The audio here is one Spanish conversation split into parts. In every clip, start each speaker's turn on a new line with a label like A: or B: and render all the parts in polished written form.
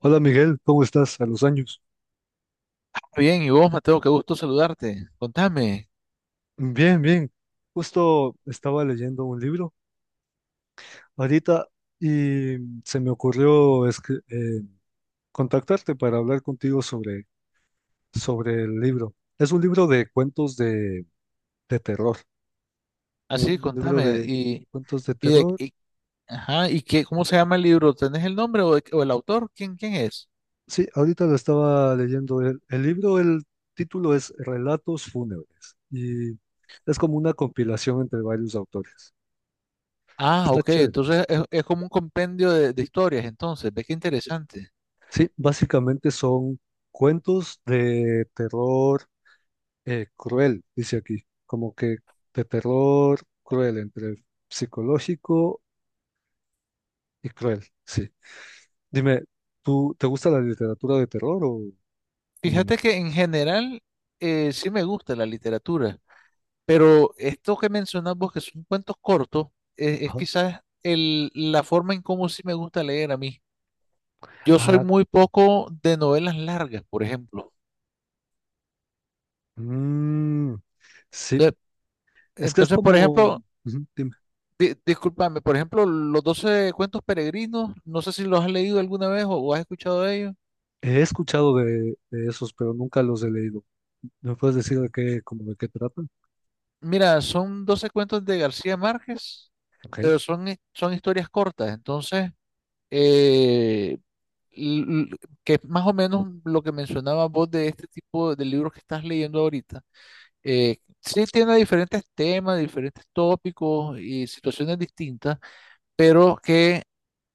A: Hola Miguel, ¿cómo estás? A los años.
B: Bien, y vos, Mateo, qué gusto saludarte. Contame,
A: Bien, bien. Justo estaba leyendo un libro ahorita y se me ocurrió contactarte para hablar contigo sobre el libro. Es un libro de cuentos de terror. Un,
B: así,
A: un libro
B: contame.
A: de cuentos de
B: Y de,
A: terror.
B: y- ajá, ¿ cómo se llama el libro? ¿Tenés el nombre o el autor? ¿ quién es?
A: Sí, ahorita lo estaba leyendo. El libro, el título es Relatos fúnebres y es como una compilación entre varios autores.
B: Ah,
A: Está
B: ok,
A: chévere.
B: entonces es como un compendio de historias, entonces, ve qué interesante.
A: Sí, básicamente son cuentos de terror cruel, dice aquí, como que de terror cruel, entre psicológico y cruel, sí. Dime, ¿tú te gusta la literatura de terror o no
B: Fíjate
A: mucho?
B: que en general sí me gusta la literatura, pero esto que mencionas vos, que son cuentos cortos, es
A: Ajá.
B: quizás la forma en cómo sí me gusta leer a mí. Yo soy
A: Ah,
B: muy poco de novelas largas, por ejemplo.
A: mm, sí,
B: Entonces,
A: es que es
B: Entonces, por
A: como,
B: ejemplo,
A: ujú, dime,
B: discúlpame, por ejemplo, los 12 cuentos peregrinos, no sé si los has leído alguna vez o has escuchado de ellos.
A: he escuchado de esos, pero nunca los he leído. ¿Me puedes decir de qué, como de qué tratan?
B: Mira, son 12 cuentos de García Márquez,
A: Ok.
B: pero son historias cortas, entonces, eh, l- l- que es más o menos lo que mencionabas vos de este tipo de libros que estás leyendo ahorita. Sí tiene diferentes temas, diferentes tópicos y situaciones distintas, pero que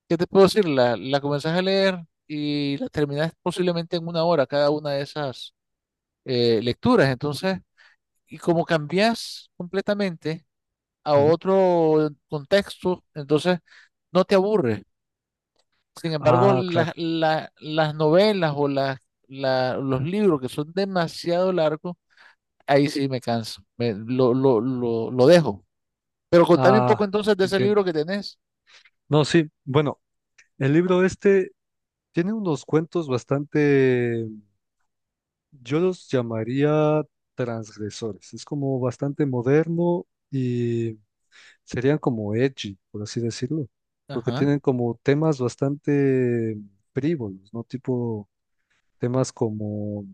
B: ¿qué te puedo decir? La comenzás a leer y la terminás posiblemente en una hora cada una de esas lecturas. Entonces, y como cambias completamente a
A: Ujú.
B: otro contexto, entonces no te aburre. Sin embargo,
A: Ah, claro.
B: las novelas o los libros que son demasiado largos, ahí sí me canso, lo dejo. Pero contame un poco
A: Ah,
B: entonces de ese
A: entiendo.
B: libro que tenés.
A: No, sí, bueno. El libro este tiene unos cuentos bastante, yo los llamaría transgresores. Es como bastante moderno y serían como edgy, por así decirlo, porque
B: Ajá.
A: tienen como temas bastante frívolos, ¿no? Tipo temas como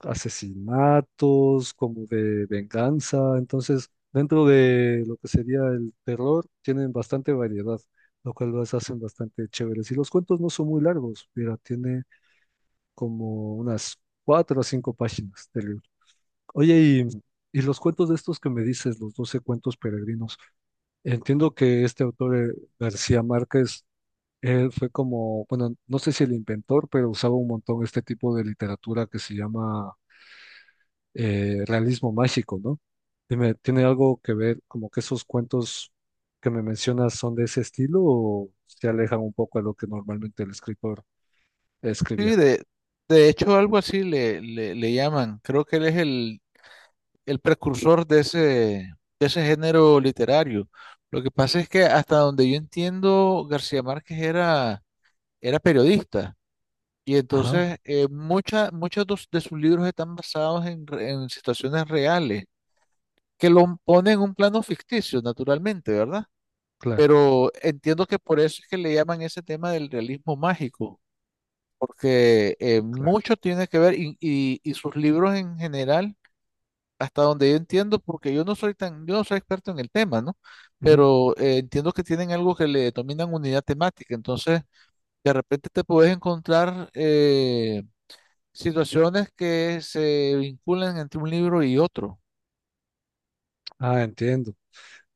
A: asesinatos, como de venganza. Entonces, dentro de lo que sería el terror, tienen bastante variedad, lo cual los hacen bastante chéveres. Y los cuentos no son muy largos, mira, tiene como unas cuatro o cinco páginas del libro. Oye, y los cuentos de estos que me dices, los 12 cuentos peregrinos, entiendo que este autor, García Márquez, él fue como, bueno, no sé si el inventor, pero usaba un montón este tipo de literatura que se llama realismo mágico, ¿no? Dime, ¿tiene algo que ver como que esos cuentos que me mencionas son de ese estilo o se alejan un poco a lo que normalmente el escritor
B: Sí,
A: escribía?
B: de hecho algo así le llaman. Creo que él es el precursor de de ese género literario. Lo que pasa es que hasta donde yo entiendo, era periodista y
A: Ah,
B: entonces muchos de sus libros están basados en, en situaciones reales, que lo ponen en un plano ficticio, naturalmente, ¿verdad?
A: claro,
B: Pero entiendo que por eso es que le llaman ese tema del realismo mágico porque
A: claro.
B: mucho tiene que ver y sus libros en general, hasta donde yo entiendo, porque yo no soy experto en el tema, ¿no? Pero entiendo que tienen algo que le denominan unidad temática, entonces de repente te puedes encontrar situaciones que se vinculan entre un libro y otro,
A: Ah, entiendo.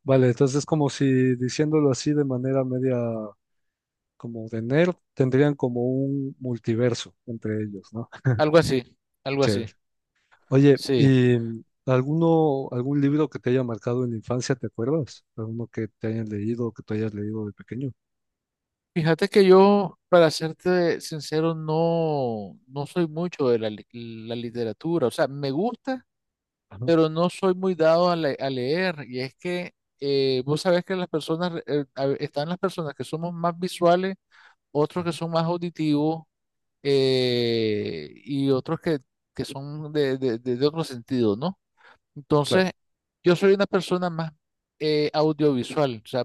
A: Vale, entonces como si diciéndolo así de manera media como de nerd, tendrían como un multiverso entre ellos, ¿no?
B: algo así, algo así,
A: Chévere. Oye,
B: sí.
A: ¿y alguno, algún libro que te haya marcado en la infancia, te acuerdas? ¿Alguno que te hayan leído o que tú hayas leído de pequeño?
B: Fíjate que yo, para serte sincero, no soy mucho de la literatura, o sea, me gusta
A: Ah, ¿no?
B: pero no soy muy dado a leer. Y es que vos sabés que las personas, están las personas que somos más visuales, otros que
A: Ujú.
B: son más auditivos y otros que son de otro sentido, ¿no?
A: Claro.
B: Entonces, yo soy una persona más audiovisual. O sea,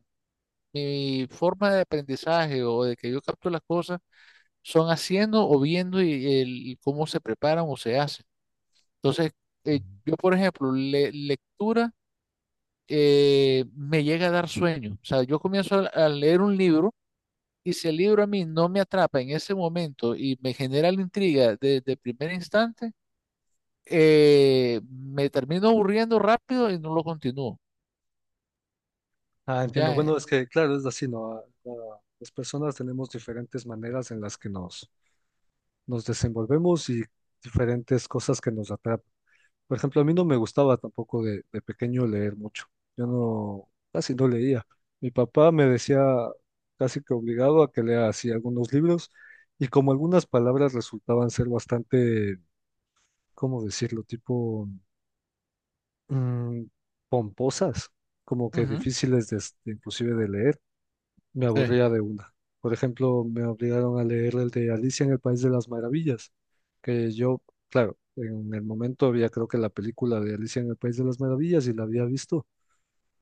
B: mi forma de aprendizaje o de que yo capto las cosas son haciendo o viendo y, cómo se preparan o se hacen. Entonces, yo, por ejemplo, lectura. Me llega a dar sueño. O sea, yo comienzo a leer un libro y si el libro a mí no me atrapa en ese momento y me genera la intriga desde el primer instante, me termino aburriendo rápido y no lo continúo.
A: Ah, entiendo.
B: Ya,
A: Bueno, es que claro, es así, ¿no? Ah, ah, las personas tenemos diferentes maneras en las que nos, nos desenvolvemos y diferentes cosas que nos atrapan. Por ejemplo, a mí no me gustaba tampoco de pequeño leer mucho. Yo no, casi no leía. Mi papá me decía casi que obligado a que lea así algunos libros y como algunas palabras resultaban ser bastante, ¿cómo decirlo? Tipo mm, pomposas, como que
B: ujú,
A: difíciles de, inclusive de leer me
B: sí,
A: aburría de una. Por ejemplo, me obligaron a leer el de Alicia en el País de las Maravillas, que yo, claro, en el momento había creo que la película de Alicia en el País de las Maravillas y la había visto,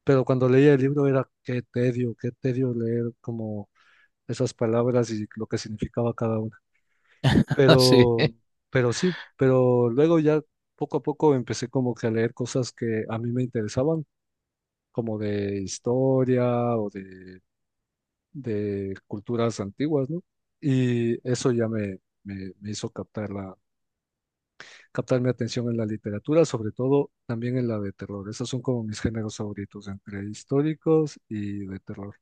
A: pero cuando leía el libro era qué tedio leer como esas palabras y lo que significaba cada una.
B: así,
A: Pero, pero sí, pero luego ya poco a poco empecé como que a leer cosas que a mí me interesaban, como de historia o de culturas antiguas, ¿no? Y eso ya me hizo captar captar mi atención en la literatura, sobre todo también en la de terror. Esos son como mis géneros favoritos, entre históricos y de terror.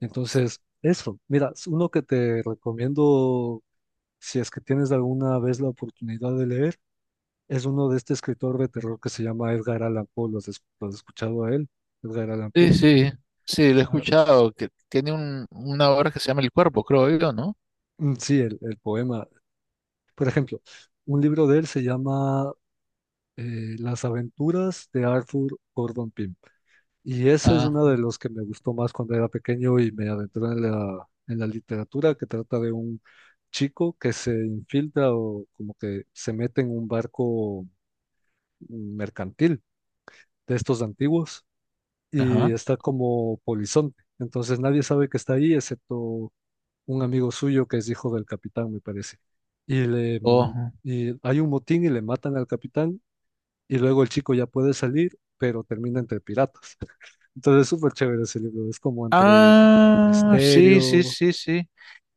A: Entonces, eso, mira, es uno que te recomiendo, si es que tienes alguna vez la oportunidad de leer, es uno de este escritor de terror que se llama Edgar Allan Poe. ¿Lo has, lo has escuchado a él? Edgar Allan Poe.
B: sí, sí, sí, lo he
A: Ah,
B: escuchado, que tiene un, una obra que se llama El Cuerpo, creo yo, ¿no?
A: sí, el poema. Por ejemplo, un libro de él se llama Las aventuras de Arthur Gordon Pym. Y ese es
B: Ah,
A: uno de los que me gustó más cuando era pequeño y me adentré en en la literatura, que trata de un chico que se infiltra o como que se mete en un barco mercantil de estos antiguos y
B: ajá,
A: está como polizonte. Entonces nadie sabe que está ahí excepto un amigo suyo que es hijo del capitán, me parece. Y le...
B: oh.
A: Y hay un motín y le matan al capitán y luego el chico ya puede salir, pero termina entre piratas. Entonces es súper chévere ese libro, es como entre
B: Ah, sí, sí,
A: misterio.
B: sí, sí.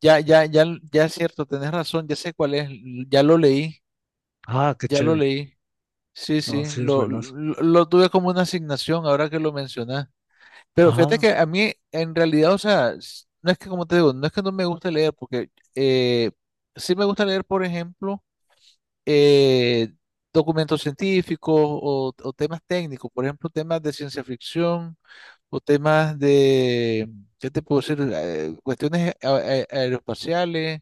B: Ya, ya, ya, ya es cierto, tenés razón, ya sé cuál es, ya lo leí,
A: Ah, qué
B: ya lo
A: chévere.
B: leí. Sí,
A: No,
B: sí,
A: sí, es buenazo.
B: lo tuve como una asignación ahora que lo mencionás. Pero fíjate
A: Ah,
B: que a mí, en realidad, o sea, no es que, como te digo, no es que no me guste leer, porque eh, sí me gusta leer, por ejemplo, eh, documentos científicos o temas técnicos, por ejemplo, temas de ciencia ficción o temas de, ¿qué te puedo decir? Cuestiones aeroespaciales.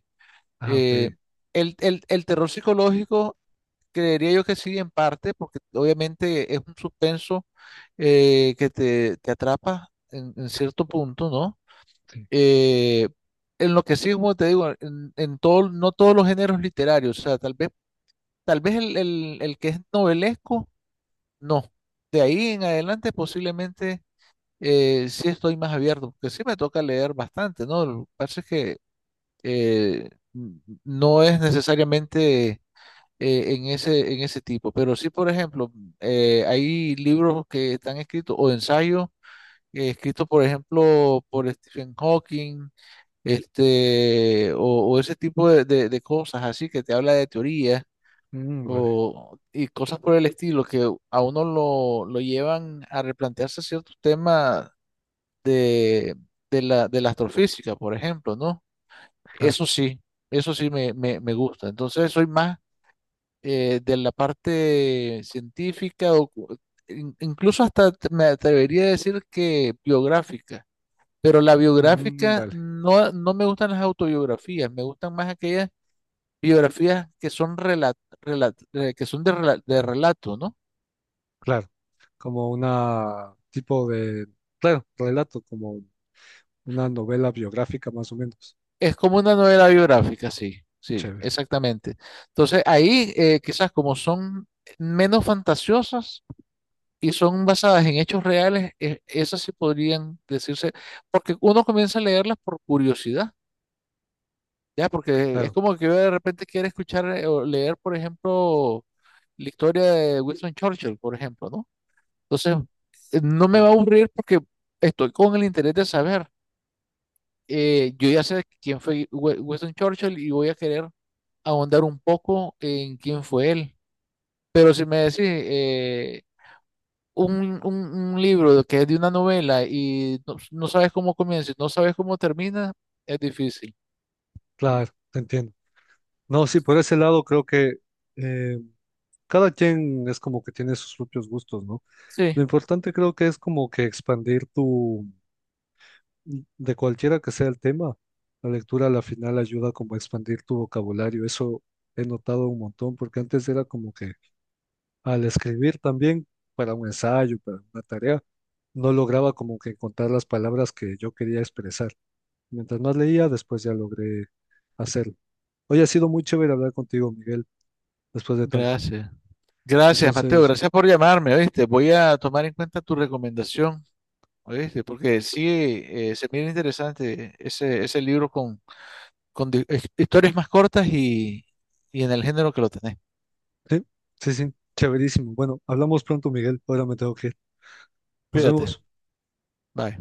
A: ah, ok,
B: eh, el terror psicológico, creería yo que sí, en parte, porque obviamente es un suspenso que te atrapa en cierto punto, ¿no?
A: sí.
B: Eh, en lo que sí, como te digo, en todo, no todos los géneros literarios, o sea, tal vez, tal vez el que es novelesco, no. De ahí en adelante posiblemente sí estoy más abierto, porque sí me toca leer bastante, ¿no? Lo que pasa es que no es necesariamente en ese tipo, pero sí, por ejemplo, hay libros que están escritos o ensayos escritos, por ejemplo, por Stephen Hawking, este, o ese tipo de cosas así que te habla de teoría.
A: Vale,
B: O, y cosas por el estilo que a uno lo llevan a replantearse ciertos temas de, de la astrofísica, por ejemplo, ¿no?
A: claro.
B: Eso sí, eso sí me gusta. Entonces soy más de la parte científica o incluso hasta me atrevería a decir que biográfica. Pero la biográfica
A: Vale,
B: no, no me gustan las autobiografías, me gustan más aquellas biografías que son de, de relato, ¿no?
A: claro. Como una tipo de, claro, relato, como una novela biográfica más o menos.
B: Es como una novela biográfica, sí, sí,
A: Chévere,
B: exactamente. Entonces, ahí quizás como son menos fantasiosas y son basadas en hechos reales, esas sí podrían decirse, porque uno comienza a leerlas por curiosidad, ¿ya? Porque es
A: claro,
B: como que yo de repente quiero escuchar o leer, por ejemplo, la historia de Winston Churchill, por ejemplo, ¿no? Entonces, no me
A: claro,
B: va a aburrir porque estoy con el interés de saber. Yo ya sé quién fue Winston Churchill y voy a querer ahondar un poco en quién fue él. Pero si me decís un libro que es de una novela y no, no sabes cómo comienza y no sabes cómo termina, es difícil.
A: claro, te entiendo. No, sí, por ese lado creo que eh, cada quien es como que tiene sus propios gustos, ¿no?
B: Sí,
A: Lo importante creo que es como que expandir tu, de cualquiera que sea el tema, la lectura a la final ayuda como a expandir tu vocabulario. Eso he notado un montón, porque antes era como que al escribir también para un ensayo, para una tarea, no lograba como que encontrar las palabras que yo quería expresar. Mientras más leía, después ya logré hacerlo. Hoy ha sido muy chévere hablar contigo, Miguel, después de tanto.
B: gracias. Gracias, Mateo.
A: Entonces,
B: Gracias por llamarme, ¿oíste? Voy a tomar en cuenta tu recomendación, ¿oíste? Porque sí, se mira interesante ese libro con historias más cortas y en el género que lo tenés.
A: sí, sí, sí, chéverísimo. Bueno, hablamos pronto, Miguel. Ahora me tengo que ir. Nos
B: Cuídate.
A: vemos.
B: Bye.